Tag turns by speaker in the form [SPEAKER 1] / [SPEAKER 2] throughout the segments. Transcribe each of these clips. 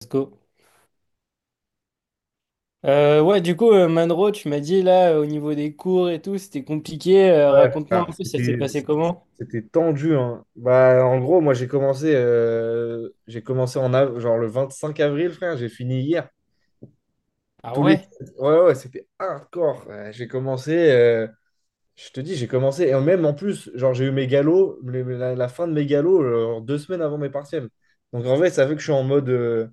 [SPEAKER 1] Let's go. Ouais, du coup, Manro, tu m'as dit là, au niveau des cours et tout, c'était compliqué.
[SPEAKER 2] Ouais.
[SPEAKER 1] Raconte-moi
[SPEAKER 2] Ah,
[SPEAKER 1] un peu, ça s'est
[SPEAKER 2] c'était,
[SPEAKER 1] passé comment?
[SPEAKER 2] c'était tendu, hein. Bah, en gros, moi, j'ai commencé genre le 25 avril, frère. J'ai fini hier.
[SPEAKER 1] Ah
[SPEAKER 2] Tous les...
[SPEAKER 1] ouais?
[SPEAKER 2] Ouais, ouais, c'était hardcore. Ouais, j'ai commencé, je te dis, j'ai commencé. Et même en plus, genre, j'ai eu mes galops, la fin de mes galops, genre, 2 semaines avant mes partiels. Donc, en vrai, ça fait que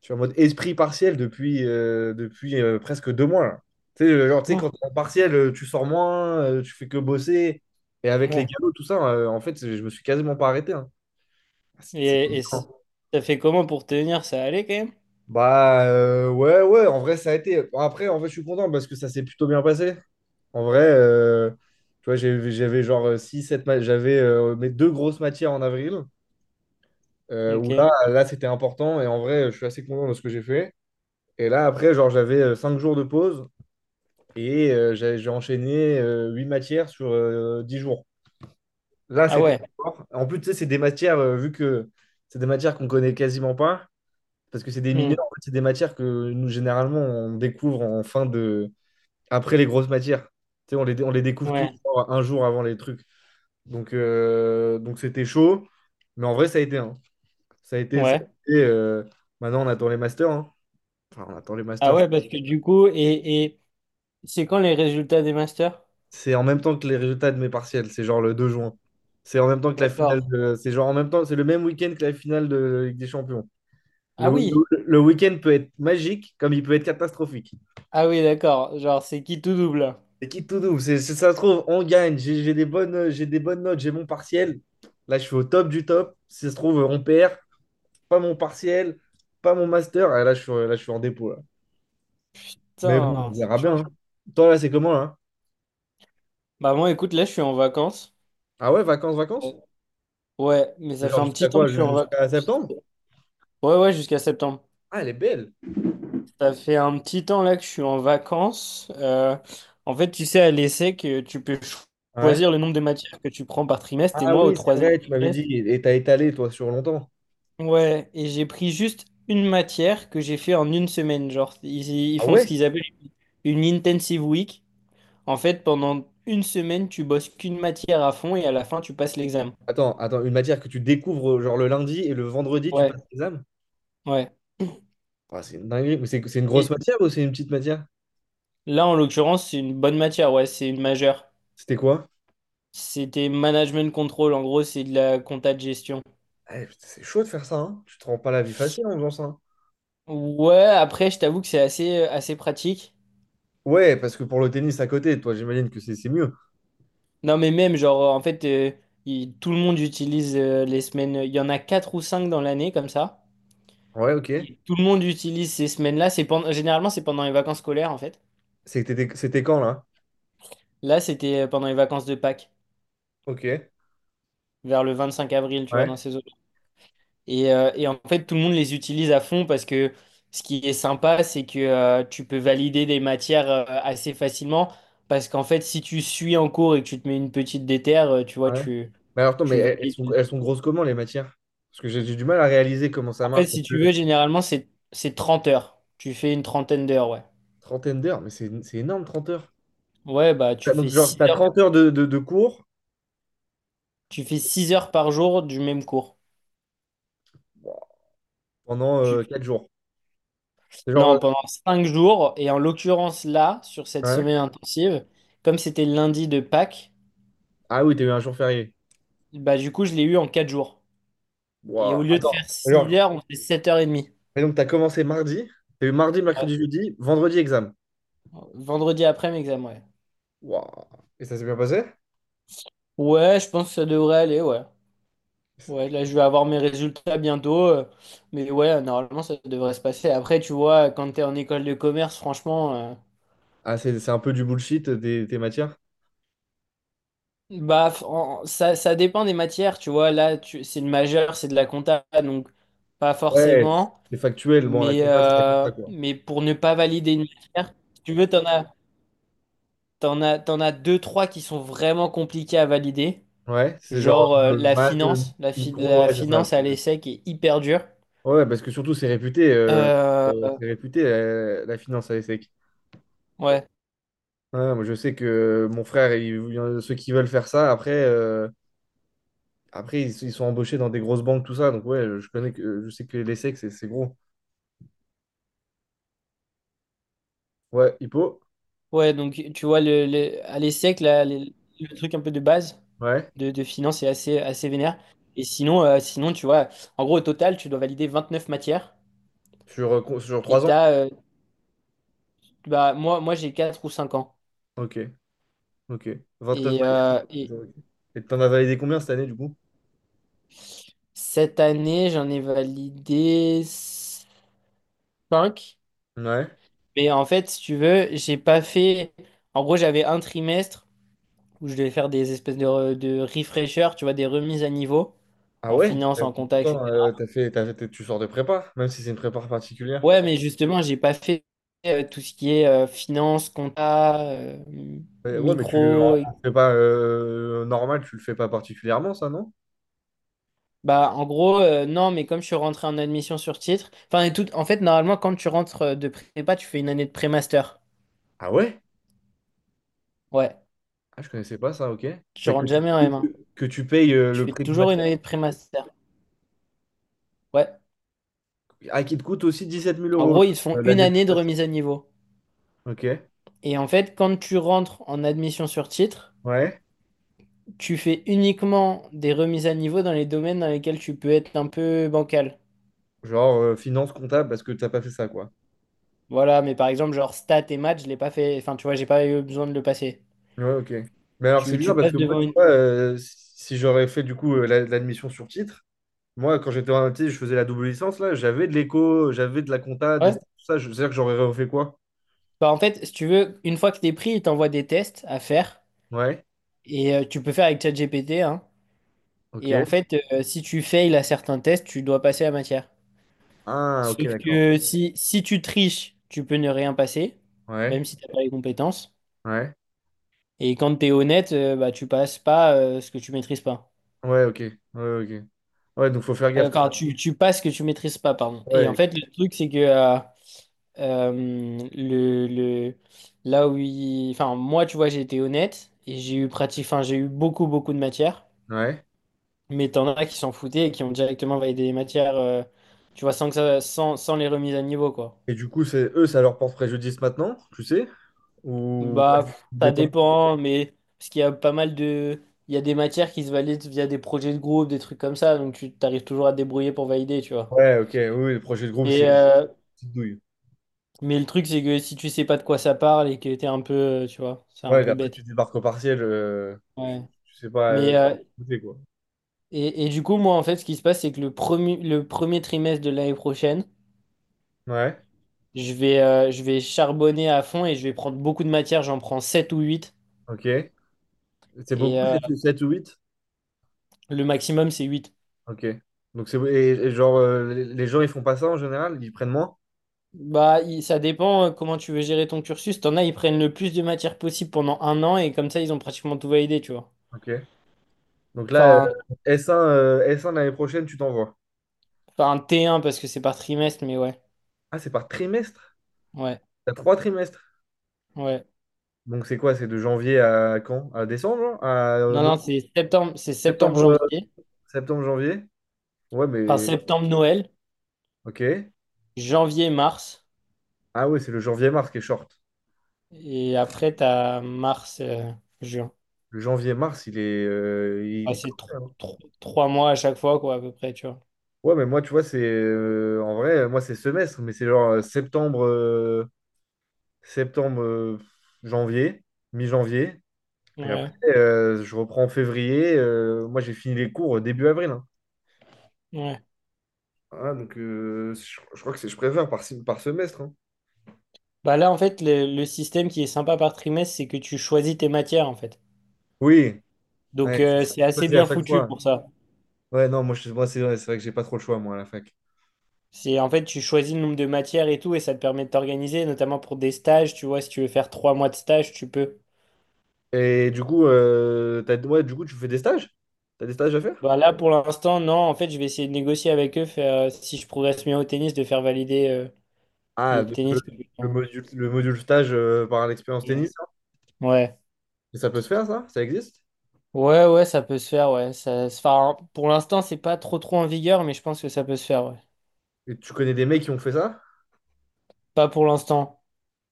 [SPEAKER 2] je suis en mode esprit partiel depuis presque 2 mois, là. Tu sais, genre, quand
[SPEAKER 1] Oh,
[SPEAKER 2] t'es en partiel, tu sors moins, tu fais que bosser. Et avec les
[SPEAKER 1] ouais.
[SPEAKER 2] galops, tout ça, en fait, je me suis quasiment pas arrêté, hein. C'est
[SPEAKER 1] Et, et
[SPEAKER 2] dur.
[SPEAKER 1] c- Ça fait comment pour tenir? Ça allait quand même?
[SPEAKER 2] Bah ouais, ouais, en vrai, ça a été. Bon, après, en vrai, je suis content parce que ça s'est plutôt bien passé. En vrai, tu vois, j'avais genre six sept 7 j'avais mes deux grosses matières en avril, où
[SPEAKER 1] Ok.
[SPEAKER 2] là c'était important. Et en vrai, je suis assez content de ce que j'ai fait. Et là, après, genre, j'avais 5 jours de pause. Et j'ai enchaîné huit matières sur 10 jours. Là,
[SPEAKER 1] Ah
[SPEAKER 2] c'était
[SPEAKER 1] ouais.
[SPEAKER 2] fort. En plus, tu sais, c'est des matières, vu que c'est des matières qu'on connaît quasiment pas, parce que c'est des
[SPEAKER 1] Hmm.
[SPEAKER 2] mineurs, en fait, c'est des matières que nous, généralement, on découvre après les grosses matières. Tu sais, on les découvre tous
[SPEAKER 1] Ouais.
[SPEAKER 2] genre, un jour avant les trucs. Donc c'était chaud. Mais en vrai, ça a été, hein. Ça a été. ça
[SPEAKER 1] Ouais.
[SPEAKER 2] a été, euh, Maintenant, on attend les masters, hein. Enfin, on attend les
[SPEAKER 1] Ah
[SPEAKER 2] masters.
[SPEAKER 1] ouais, parce que du coup, c'est quand les résultats des masters?
[SPEAKER 2] C'est en même temps que les résultats de mes partiels, c'est genre le 2 juin. C'est en même temps que
[SPEAKER 1] D'accord.
[SPEAKER 2] c'est genre en même temps, c'est le même week-end que la finale de Ligue des Champions. Le,
[SPEAKER 1] Ah oui.
[SPEAKER 2] le- le week-end peut être magique comme il peut être catastrophique.
[SPEAKER 1] Ah oui, d'accord. Genre, c'est qui tout double? Là,
[SPEAKER 2] C'est qui tout doux, ça se trouve, on gagne, j'ai des bonnes notes, j'ai mon partiel. Là, je suis au top du top. Si ça se trouve, on perd, pas mon partiel, pas mon master. Ah, là, je suis en dépôt, là. Mais bon,
[SPEAKER 1] putain,
[SPEAKER 2] on
[SPEAKER 1] c'est
[SPEAKER 2] verra bien, hein.
[SPEAKER 1] chaud.
[SPEAKER 2] Toi, là, c'est comment, là?
[SPEAKER 1] Bah moi, écoute, là, je suis en vacances.
[SPEAKER 2] Ah ouais, vacances,
[SPEAKER 1] Euh,
[SPEAKER 2] vacances?
[SPEAKER 1] Ouais, mais ça fait
[SPEAKER 2] Genre
[SPEAKER 1] un
[SPEAKER 2] jusqu'à
[SPEAKER 1] petit temps que
[SPEAKER 2] quoi?
[SPEAKER 1] je suis en
[SPEAKER 2] Jusqu'à
[SPEAKER 1] vacances.
[SPEAKER 2] septembre?
[SPEAKER 1] Ouais, ouais, jusqu'à septembre.
[SPEAKER 2] Ah, elle est belle.
[SPEAKER 1] Ça fait un petit temps là que je suis en vacances. En fait, tu sais, à l'essai que tu peux
[SPEAKER 2] Ouais.
[SPEAKER 1] choisir le nombre de matières que tu prends par trimestre. Et
[SPEAKER 2] Ah
[SPEAKER 1] moi, au
[SPEAKER 2] oui, c'est
[SPEAKER 1] troisième
[SPEAKER 2] vrai, tu m'avais dit,
[SPEAKER 1] trimestre,
[SPEAKER 2] et t'as étalé, toi, sur longtemps.
[SPEAKER 1] ouais, et j'ai pris juste une matière que j'ai fait en une semaine. Genre, ils
[SPEAKER 2] Ah
[SPEAKER 1] font ce
[SPEAKER 2] ouais?
[SPEAKER 1] qu'ils appellent une intensive week. En fait, pendant une semaine, tu bosses qu'une matière à fond et à la fin, tu passes l'examen.
[SPEAKER 2] Attends, attends, une matière que tu découvres, genre le lundi et le vendredi, tu
[SPEAKER 1] Ouais,
[SPEAKER 2] passes l'examen?
[SPEAKER 1] ouais.
[SPEAKER 2] Ah, c'est une dinguerie. Mais c'est une grosse
[SPEAKER 1] Et
[SPEAKER 2] matière ou c'est une petite matière?
[SPEAKER 1] là, en l'occurrence, c'est une bonne matière. Ouais, c'est une majeure.
[SPEAKER 2] C'était quoi?
[SPEAKER 1] C'était management control. En gros, c'est de la compta de gestion.
[SPEAKER 2] Eh, putain, c'est chaud de faire ça, hein. Tu te rends pas la vie facile en faisant ça, hein.
[SPEAKER 1] Ouais, après, je t'avoue que c'est assez, assez pratique.
[SPEAKER 2] Ouais, parce que pour le tennis à côté, toi, j'imagine que c'est mieux.
[SPEAKER 1] Non, mais même, genre, en fait, tout le monde utilise les semaines. Il y en a quatre ou cinq dans l'année, comme ça.
[SPEAKER 2] Ouais, ok.
[SPEAKER 1] Et tout le monde utilise ces semaines-là. C'est pendant, généralement, c'est pendant les vacances scolaires, en fait.
[SPEAKER 2] C'était quand, là?
[SPEAKER 1] Là, c'était pendant les vacances de Pâques,
[SPEAKER 2] Ok.
[SPEAKER 1] vers le 25 avril, tu vois, dans
[SPEAKER 2] Ouais,
[SPEAKER 1] ces eaux. Et en fait, tout le monde les utilise à fond parce que ce qui est sympa, c'est que tu peux valider des matières assez facilement. Parce qu'en fait, si tu suis en cours et que tu te mets une petite déterre, tu vois,
[SPEAKER 2] ouais.
[SPEAKER 1] tu,
[SPEAKER 2] Mais alors, attends, mais
[SPEAKER 1] tu
[SPEAKER 2] elles elles sont,
[SPEAKER 1] valides.
[SPEAKER 2] elles sont grosses comment, les matières? Parce que j'ai du mal à réaliser comment ça
[SPEAKER 1] En fait,
[SPEAKER 2] marche. Parce
[SPEAKER 1] si
[SPEAKER 2] que
[SPEAKER 1] tu veux, généralement, c'est 30 heures. Tu fais une trentaine d'heures, ouais.
[SPEAKER 2] Trentaine d'heures, mais c'est énorme, 30 heures.
[SPEAKER 1] Ouais, bah,
[SPEAKER 2] Donc, genre, t'as 30 heures de cours.
[SPEAKER 1] tu fais 6 heures par jour du même cours.
[SPEAKER 2] Wow. Pendant
[SPEAKER 1] Tu...
[SPEAKER 2] 4 jours. C'est genre,
[SPEAKER 1] Non, pendant 5 jours. Et en l'occurrence, là, sur cette
[SPEAKER 2] ouais.
[SPEAKER 1] semaine intensive, comme c'était lundi de Pâques,
[SPEAKER 2] Ah oui, t'as eu un jour férié.
[SPEAKER 1] bah, du coup, je l'ai eu en 4 jours. Et au
[SPEAKER 2] Waouh.
[SPEAKER 1] lieu de faire
[SPEAKER 2] Attends.
[SPEAKER 1] 6
[SPEAKER 2] Genre,
[SPEAKER 1] heures, on fait sept heures 30.
[SPEAKER 2] et donc, t'as commencé mardi, t'as eu mardi,
[SPEAKER 1] Ouais.
[SPEAKER 2] mercredi, jeudi, vendredi, examen.
[SPEAKER 1] Vendredi après mes examens, ouais.
[SPEAKER 2] Waouh. Et ça s'est bien passé?
[SPEAKER 1] Ouais, je pense que ça devrait aller, ouais. Ouais,
[SPEAKER 2] C'est-
[SPEAKER 1] là, je vais avoir mes résultats bientôt. Mais ouais, normalement, ça devrait se passer. Après, tu vois, quand t'es en école de commerce, franchement,
[SPEAKER 2] Ah, c'est un peu du bullshit, tes matières?
[SPEAKER 1] ça, ça dépend des matières, tu vois. Là, tu, c'est le majeur, c'est de la compta, donc pas
[SPEAKER 2] Ouais,
[SPEAKER 1] forcément.
[SPEAKER 2] c'est factuel. Bon, la
[SPEAKER 1] Mais,
[SPEAKER 2] compta, c'est la
[SPEAKER 1] euh,
[SPEAKER 2] compta, quoi.
[SPEAKER 1] mais pour ne pas valider une matière, si tu veux, t'en as deux, trois qui sont vraiment compliqués à valider.
[SPEAKER 2] Ouais, c'est genre
[SPEAKER 1] Genre la
[SPEAKER 2] maths,
[SPEAKER 1] finance,
[SPEAKER 2] micro,
[SPEAKER 1] la
[SPEAKER 2] ouais, c'est ça.
[SPEAKER 1] finance à l'ESSEC est hyper dure.
[SPEAKER 2] Ouais, parce que surtout, c'est réputé, euh,
[SPEAKER 1] Euh, euh,
[SPEAKER 2] c'est réputé euh, la finance à l'ESSEC.
[SPEAKER 1] ouais,
[SPEAKER 2] Ouais, moi, je sais que mon frère, il y en a ceux qui veulent faire ça, après ils sont embauchés dans des grosses banques, tout ça. Donc, ouais, je sais que les sexes, c'est gros. Ouais, Hippo?
[SPEAKER 1] ouais, donc tu vois, à l'ESSEC, là, le truc un peu de base
[SPEAKER 2] Ouais.
[SPEAKER 1] de finance est assez, assez vénère. Et sinon, sinon, tu vois, en gros, au total, tu dois valider 29 matières.
[SPEAKER 2] Sur, sur
[SPEAKER 1] Et
[SPEAKER 2] 3 ans?
[SPEAKER 1] t'as, euh, moi, moi j'ai 4 ou cinq ans.
[SPEAKER 2] Ok, ok. 29
[SPEAKER 1] Et,
[SPEAKER 2] max.
[SPEAKER 1] euh, et
[SPEAKER 2] Ok. Et t'en as validé combien cette année, du coup?
[SPEAKER 1] cette année, j'en ai validé 5.
[SPEAKER 2] Ouais.
[SPEAKER 1] Mais en fait, si tu veux, j'ai pas fait. En gros, j'avais un trimestre où je devais faire des espèces de, de refreshers, tu vois, des remises à niveau
[SPEAKER 2] Ah
[SPEAKER 1] en
[SPEAKER 2] ouais?
[SPEAKER 1] finance, en compta,
[SPEAKER 2] Pourtant,
[SPEAKER 1] etc.
[SPEAKER 2] tu sors de prépa, même si c'est une prépa particulière.
[SPEAKER 1] Ouais, mais justement, j'ai pas fait tout ce qui est finance, compta,
[SPEAKER 2] Ouais, mais tu le en
[SPEAKER 1] micro.
[SPEAKER 2] en prépa normale, tu le fais pas particulièrement, ça, non?
[SPEAKER 1] Bah, en gros, non, mais comme je suis rentré en admission sur titre, enfin, et tout, en fait, normalement, quand tu rentres de prépa, tu fais une année de pré-master.
[SPEAKER 2] Ah ouais?
[SPEAKER 1] Ouais,
[SPEAKER 2] Ah, je connaissais pas ça, ok.
[SPEAKER 1] tu
[SPEAKER 2] Mais que
[SPEAKER 1] rentres
[SPEAKER 2] tu,
[SPEAKER 1] jamais en M1.
[SPEAKER 2] que tu payes
[SPEAKER 1] Tu
[SPEAKER 2] le
[SPEAKER 1] fais
[SPEAKER 2] prix du
[SPEAKER 1] toujours une
[SPEAKER 2] master,
[SPEAKER 1] année de pré-master. Ouais.
[SPEAKER 2] ah, qui te coûte aussi dix-sept mille
[SPEAKER 1] En
[SPEAKER 2] euros
[SPEAKER 1] gros, ils te font une
[SPEAKER 2] l'année du
[SPEAKER 1] année de
[SPEAKER 2] master.
[SPEAKER 1] remise à niveau.
[SPEAKER 2] Ok,
[SPEAKER 1] Et en fait, quand tu rentres en admission sur titre,
[SPEAKER 2] ouais.
[SPEAKER 1] tu fais uniquement des remises à niveau dans les domaines dans lesquels tu peux être un peu bancal.
[SPEAKER 2] Genre finance comptable parce que t'as pas fait ça, quoi.
[SPEAKER 1] Voilà, mais par exemple, genre stats et maths, je l'ai pas fait. Enfin, tu vois, j'ai pas eu besoin de le passer.
[SPEAKER 2] Ouais, ok. Mais alors c'est
[SPEAKER 1] Tu
[SPEAKER 2] bizarre parce
[SPEAKER 1] passes
[SPEAKER 2] que moi,
[SPEAKER 1] devant
[SPEAKER 2] tu
[SPEAKER 1] une.
[SPEAKER 2] vois, si j'aurais fait du coup l'admission sur titre, moi quand j'étais en MT, je faisais la double licence, là, j'avais de l'éco, j'avais de la compta, des
[SPEAKER 1] Ouais.
[SPEAKER 2] stats, tout ça, je veux dire que j'aurais refait quoi?
[SPEAKER 1] Bah, en fait, si tu veux, une fois que t'es pris, il t'envoie des tests à faire.
[SPEAKER 2] Ouais,
[SPEAKER 1] Et tu peux faire avec ChatGPT, hein.
[SPEAKER 2] ok.
[SPEAKER 1] Et en fait, si tu fails à certains tests, tu dois passer la matière.
[SPEAKER 2] Ah, ok,
[SPEAKER 1] Sauf
[SPEAKER 2] d'accord.
[SPEAKER 1] que si tu triches, tu peux ne rien passer, même
[SPEAKER 2] Ouais,
[SPEAKER 1] si t'as pas les compétences.
[SPEAKER 2] ouais,
[SPEAKER 1] Et quand t'es honnête, bah, tu passes pas ce que tu maîtrises pas.
[SPEAKER 2] ouais, ok, ouais, ok. Ouais, donc faut faire gaffe quand
[SPEAKER 1] Enfin,
[SPEAKER 2] même.
[SPEAKER 1] tu passes ce que tu maîtrises pas, pardon. Et en
[SPEAKER 2] Ouais,
[SPEAKER 1] fait, le truc, c'est que euh, le, le, là où il... Enfin, moi, tu vois, j'ai été honnête et j'ai eu pratique... Enfin, j'ai eu beaucoup, beaucoup de matières.
[SPEAKER 2] ouais.
[SPEAKER 1] Mais t'en as qui s'en foutaient et qui ont directement validé les matières, tu vois, sans que ça... sans les remises à niveau, quoi.
[SPEAKER 2] Et du coup, c'est eux, ça leur porte préjudice maintenant, tu sais? Ou pas
[SPEAKER 1] Bah, ouais. Pff,
[SPEAKER 2] des
[SPEAKER 1] ça
[SPEAKER 2] temps?
[SPEAKER 1] dépend, mais... Parce qu'il y a pas mal de... Il y a des matières qui se valident via des projets de groupe, des trucs comme ça. Donc, tu t'arrives toujours à te débrouiller pour valider, tu vois.
[SPEAKER 2] Ouais, ok, oui, oui, le projet de groupe, c'est
[SPEAKER 1] Et,
[SPEAKER 2] une
[SPEAKER 1] Ok.
[SPEAKER 2] petite douille.
[SPEAKER 1] Mais le truc, c'est que si tu sais pas de quoi ça parle et que t'es un peu, tu vois, c'est un
[SPEAKER 2] Ouais, et
[SPEAKER 1] peu
[SPEAKER 2] après,
[SPEAKER 1] bête.
[SPEAKER 2] tu débarques au partiel,
[SPEAKER 1] Ouais.
[SPEAKER 2] tu sais pas
[SPEAKER 1] Mais, euh,
[SPEAKER 2] côté, quoi.
[SPEAKER 1] et du coup, moi, en fait, ce qui se passe, c'est que le premier trimestre de l'année prochaine,
[SPEAKER 2] Ouais,
[SPEAKER 1] je vais charbonner à fond et je vais prendre beaucoup de matières. J'en prends 7 ou huit.
[SPEAKER 2] ok. C'est
[SPEAKER 1] Et
[SPEAKER 2] beaucoup, 7 ou huit.
[SPEAKER 1] le maximum, c'est 8.
[SPEAKER 2] Ok. Donc, c'est et genre, les gens, ils font pas ça en général, ils prennent moins?
[SPEAKER 1] Bah, ça dépend comment tu veux gérer ton cursus. T'en as, ils prennent le plus de matières possible pendant un an et comme ça, ils ont pratiquement tout validé, tu vois.
[SPEAKER 2] Ok. Donc là,
[SPEAKER 1] Enfin, un,
[SPEAKER 2] S1 l'année prochaine, tu t'envoies.
[SPEAKER 1] enfin, un T1 parce que c'est par trimestre, mais ouais.
[SPEAKER 2] Ah, c'est par trimestre?
[SPEAKER 1] Ouais,
[SPEAKER 2] T'as trois trimestres.
[SPEAKER 1] ouais.
[SPEAKER 2] Donc, c'est quoi? C'est de janvier à quand? À décembre, hein? À
[SPEAKER 1] Non,
[SPEAKER 2] novembre?
[SPEAKER 1] non, c'est septembre, c'est
[SPEAKER 2] Septembre,
[SPEAKER 1] septembre-janvier.
[SPEAKER 2] Septembre, janvier? Ouais,
[SPEAKER 1] Enfin,
[SPEAKER 2] mais
[SPEAKER 1] septembre-Noël,
[SPEAKER 2] ok.
[SPEAKER 1] janvier-mars.
[SPEAKER 2] Ah ouais, c'est le janvier-mars qui est short.
[SPEAKER 1] Et après, t'as mars-juin.
[SPEAKER 2] Le janvier-mars, il est
[SPEAKER 1] C'est
[SPEAKER 2] corsé, hein.
[SPEAKER 1] trois mois à chaque fois, quoi, à peu près, tu vois.
[SPEAKER 2] Ouais, mais moi, tu vois, c'est en vrai, moi, c'est semestre, mais c'est genre septembre, janvier, mi-janvier. Et après,
[SPEAKER 1] Ouais,
[SPEAKER 2] je reprends en février. Moi, j'ai fini les cours début avril, hein.
[SPEAKER 1] ouais.
[SPEAKER 2] Ah, donc, je crois que je préfère par semestre, hein.
[SPEAKER 1] Bah là, en fait, le système qui est sympa par trimestre, c'est que tu choisis tes matières, en fait.
[SPEAKER 2] Oui,
[SPEAKER 1] Donc,
[SPEAKER 2] ouais, tu
[SPEAKER 1] c'est assez
[SPEAKER 2] choisis à
[SPEAKER 1] bien
[SPEAKER 2] chaque
[SPEAKER 1] foutu
[SPEAKER 2] fois.
[SPEAKER 1] pour ça.
[SPEAKER 2] Ouais, non, moi, moi c'est vrai que j'ai pas trop le choix, moi, à la fac.
[SPEAKER 1] C'est, en fait, tu choisis le nombre de matières et tout, et ça te permet de t'organiser, notamment pour des stages, tu vois, si tu veux faire trois mois de stage, tu peux.
[SPEAKER 2] Et du coup, ouais, du coup, tu fais des stages? T'as des stages à faire?
[SPEAKER 1] Bah là, pour l'instant, non. En fait, je vais essayer de négocier avec eux, faire, si je progresse bien au tennis, de faire valider
[SPEAKER 2] Ah,
[SPEAKER 1] le tennis.
[SPEAKER 2] le module stage, par l'expérience
[SPEAKER 1] J'ai-
[SPEAKER 2] tennis, hein.
[SPEAKER 1] Ouais.
[SPEAKER 2] Et ça peut se faire, ça? Ça existe?
[SPEAKER 1] Ouais, ouais, ça peut se faire, ouais. Ça, enfin, pour l'instant, c'est pas trop trop en vigueur, mais je pense que ça peut se faire, ouais.
[SPEAKER 2] Et tu connais des mecs qui ont fait ça?
[SPEAKER 1] Pas pour l'instant.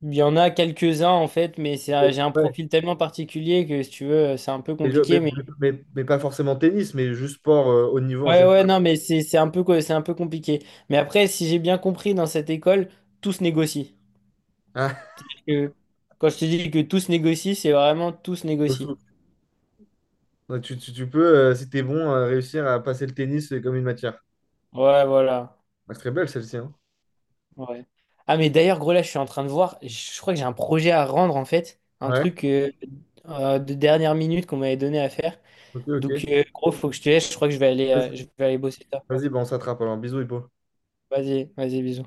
[SPEAKER 1] Il y en a quelques-uns, en fait, mais
[SPEAKER 2] Et-
[SPEAKER 1] j'ai un
[SPEAKER 2] ouais.
[SPEAKER 1] profil tellement particulier que, si tu veux, c'est un peu
[SPEAKER 2] Et je-
[SPEAKER 1] compliqué,
[SPEAKER 2] mais,
[SPEAKER 1] mais...
[SPEAKER 2] mais pas forcément tennis, mais juste sport haut niveau en
[SPEAKER 1] Ouais,
[SPEAKER 2] général.
[SPEAKER 1] ouais, non, mais c'est un peu, c'est un peu compliqué. Mais après, si j'ai bien compris, dans cette école, tout se négocie.
[SPEAKER 2] Ah,
[SPEAKER 1] Que Quand je te dis que tout se négocie, c'est vraiment tout se
[SPEAKER 2] au
[SPEAKER 1] négocie.
[SPEAKER 2] foot. Ouais, tu peux, si t'es bon, réussir à passer le tennis comme une matière.
[SPEAKER 1] Ouais, voilà.
[SPEAKER 2] Ah, c'est très belle celle-ci, hein.
[SPEAKER 1] Ouais. Ah, mais d'ailleurs, gros, là, je suis en train de voir. Je crois que j'ai un projet à rendre, en fait. Un
[SPEAKER 2] Ouais.
[SPEAKER 1] truc de dernière minute qu'on m'avait donné à faire.
[SPEAKER 2] Ok, ok.
[SPEAKER 1] Donc, gros, faut que je te laisse. Je crois que je
[SPEAKER 2] Vas-y,
[SPEAKER 1] vais aller bosser ça.
[SPEAKER 2] vas-y, bah, on s'attrape alors. Bisous, Hippo.
[SPEAKER 1] Vas-y, vas-y, bisous.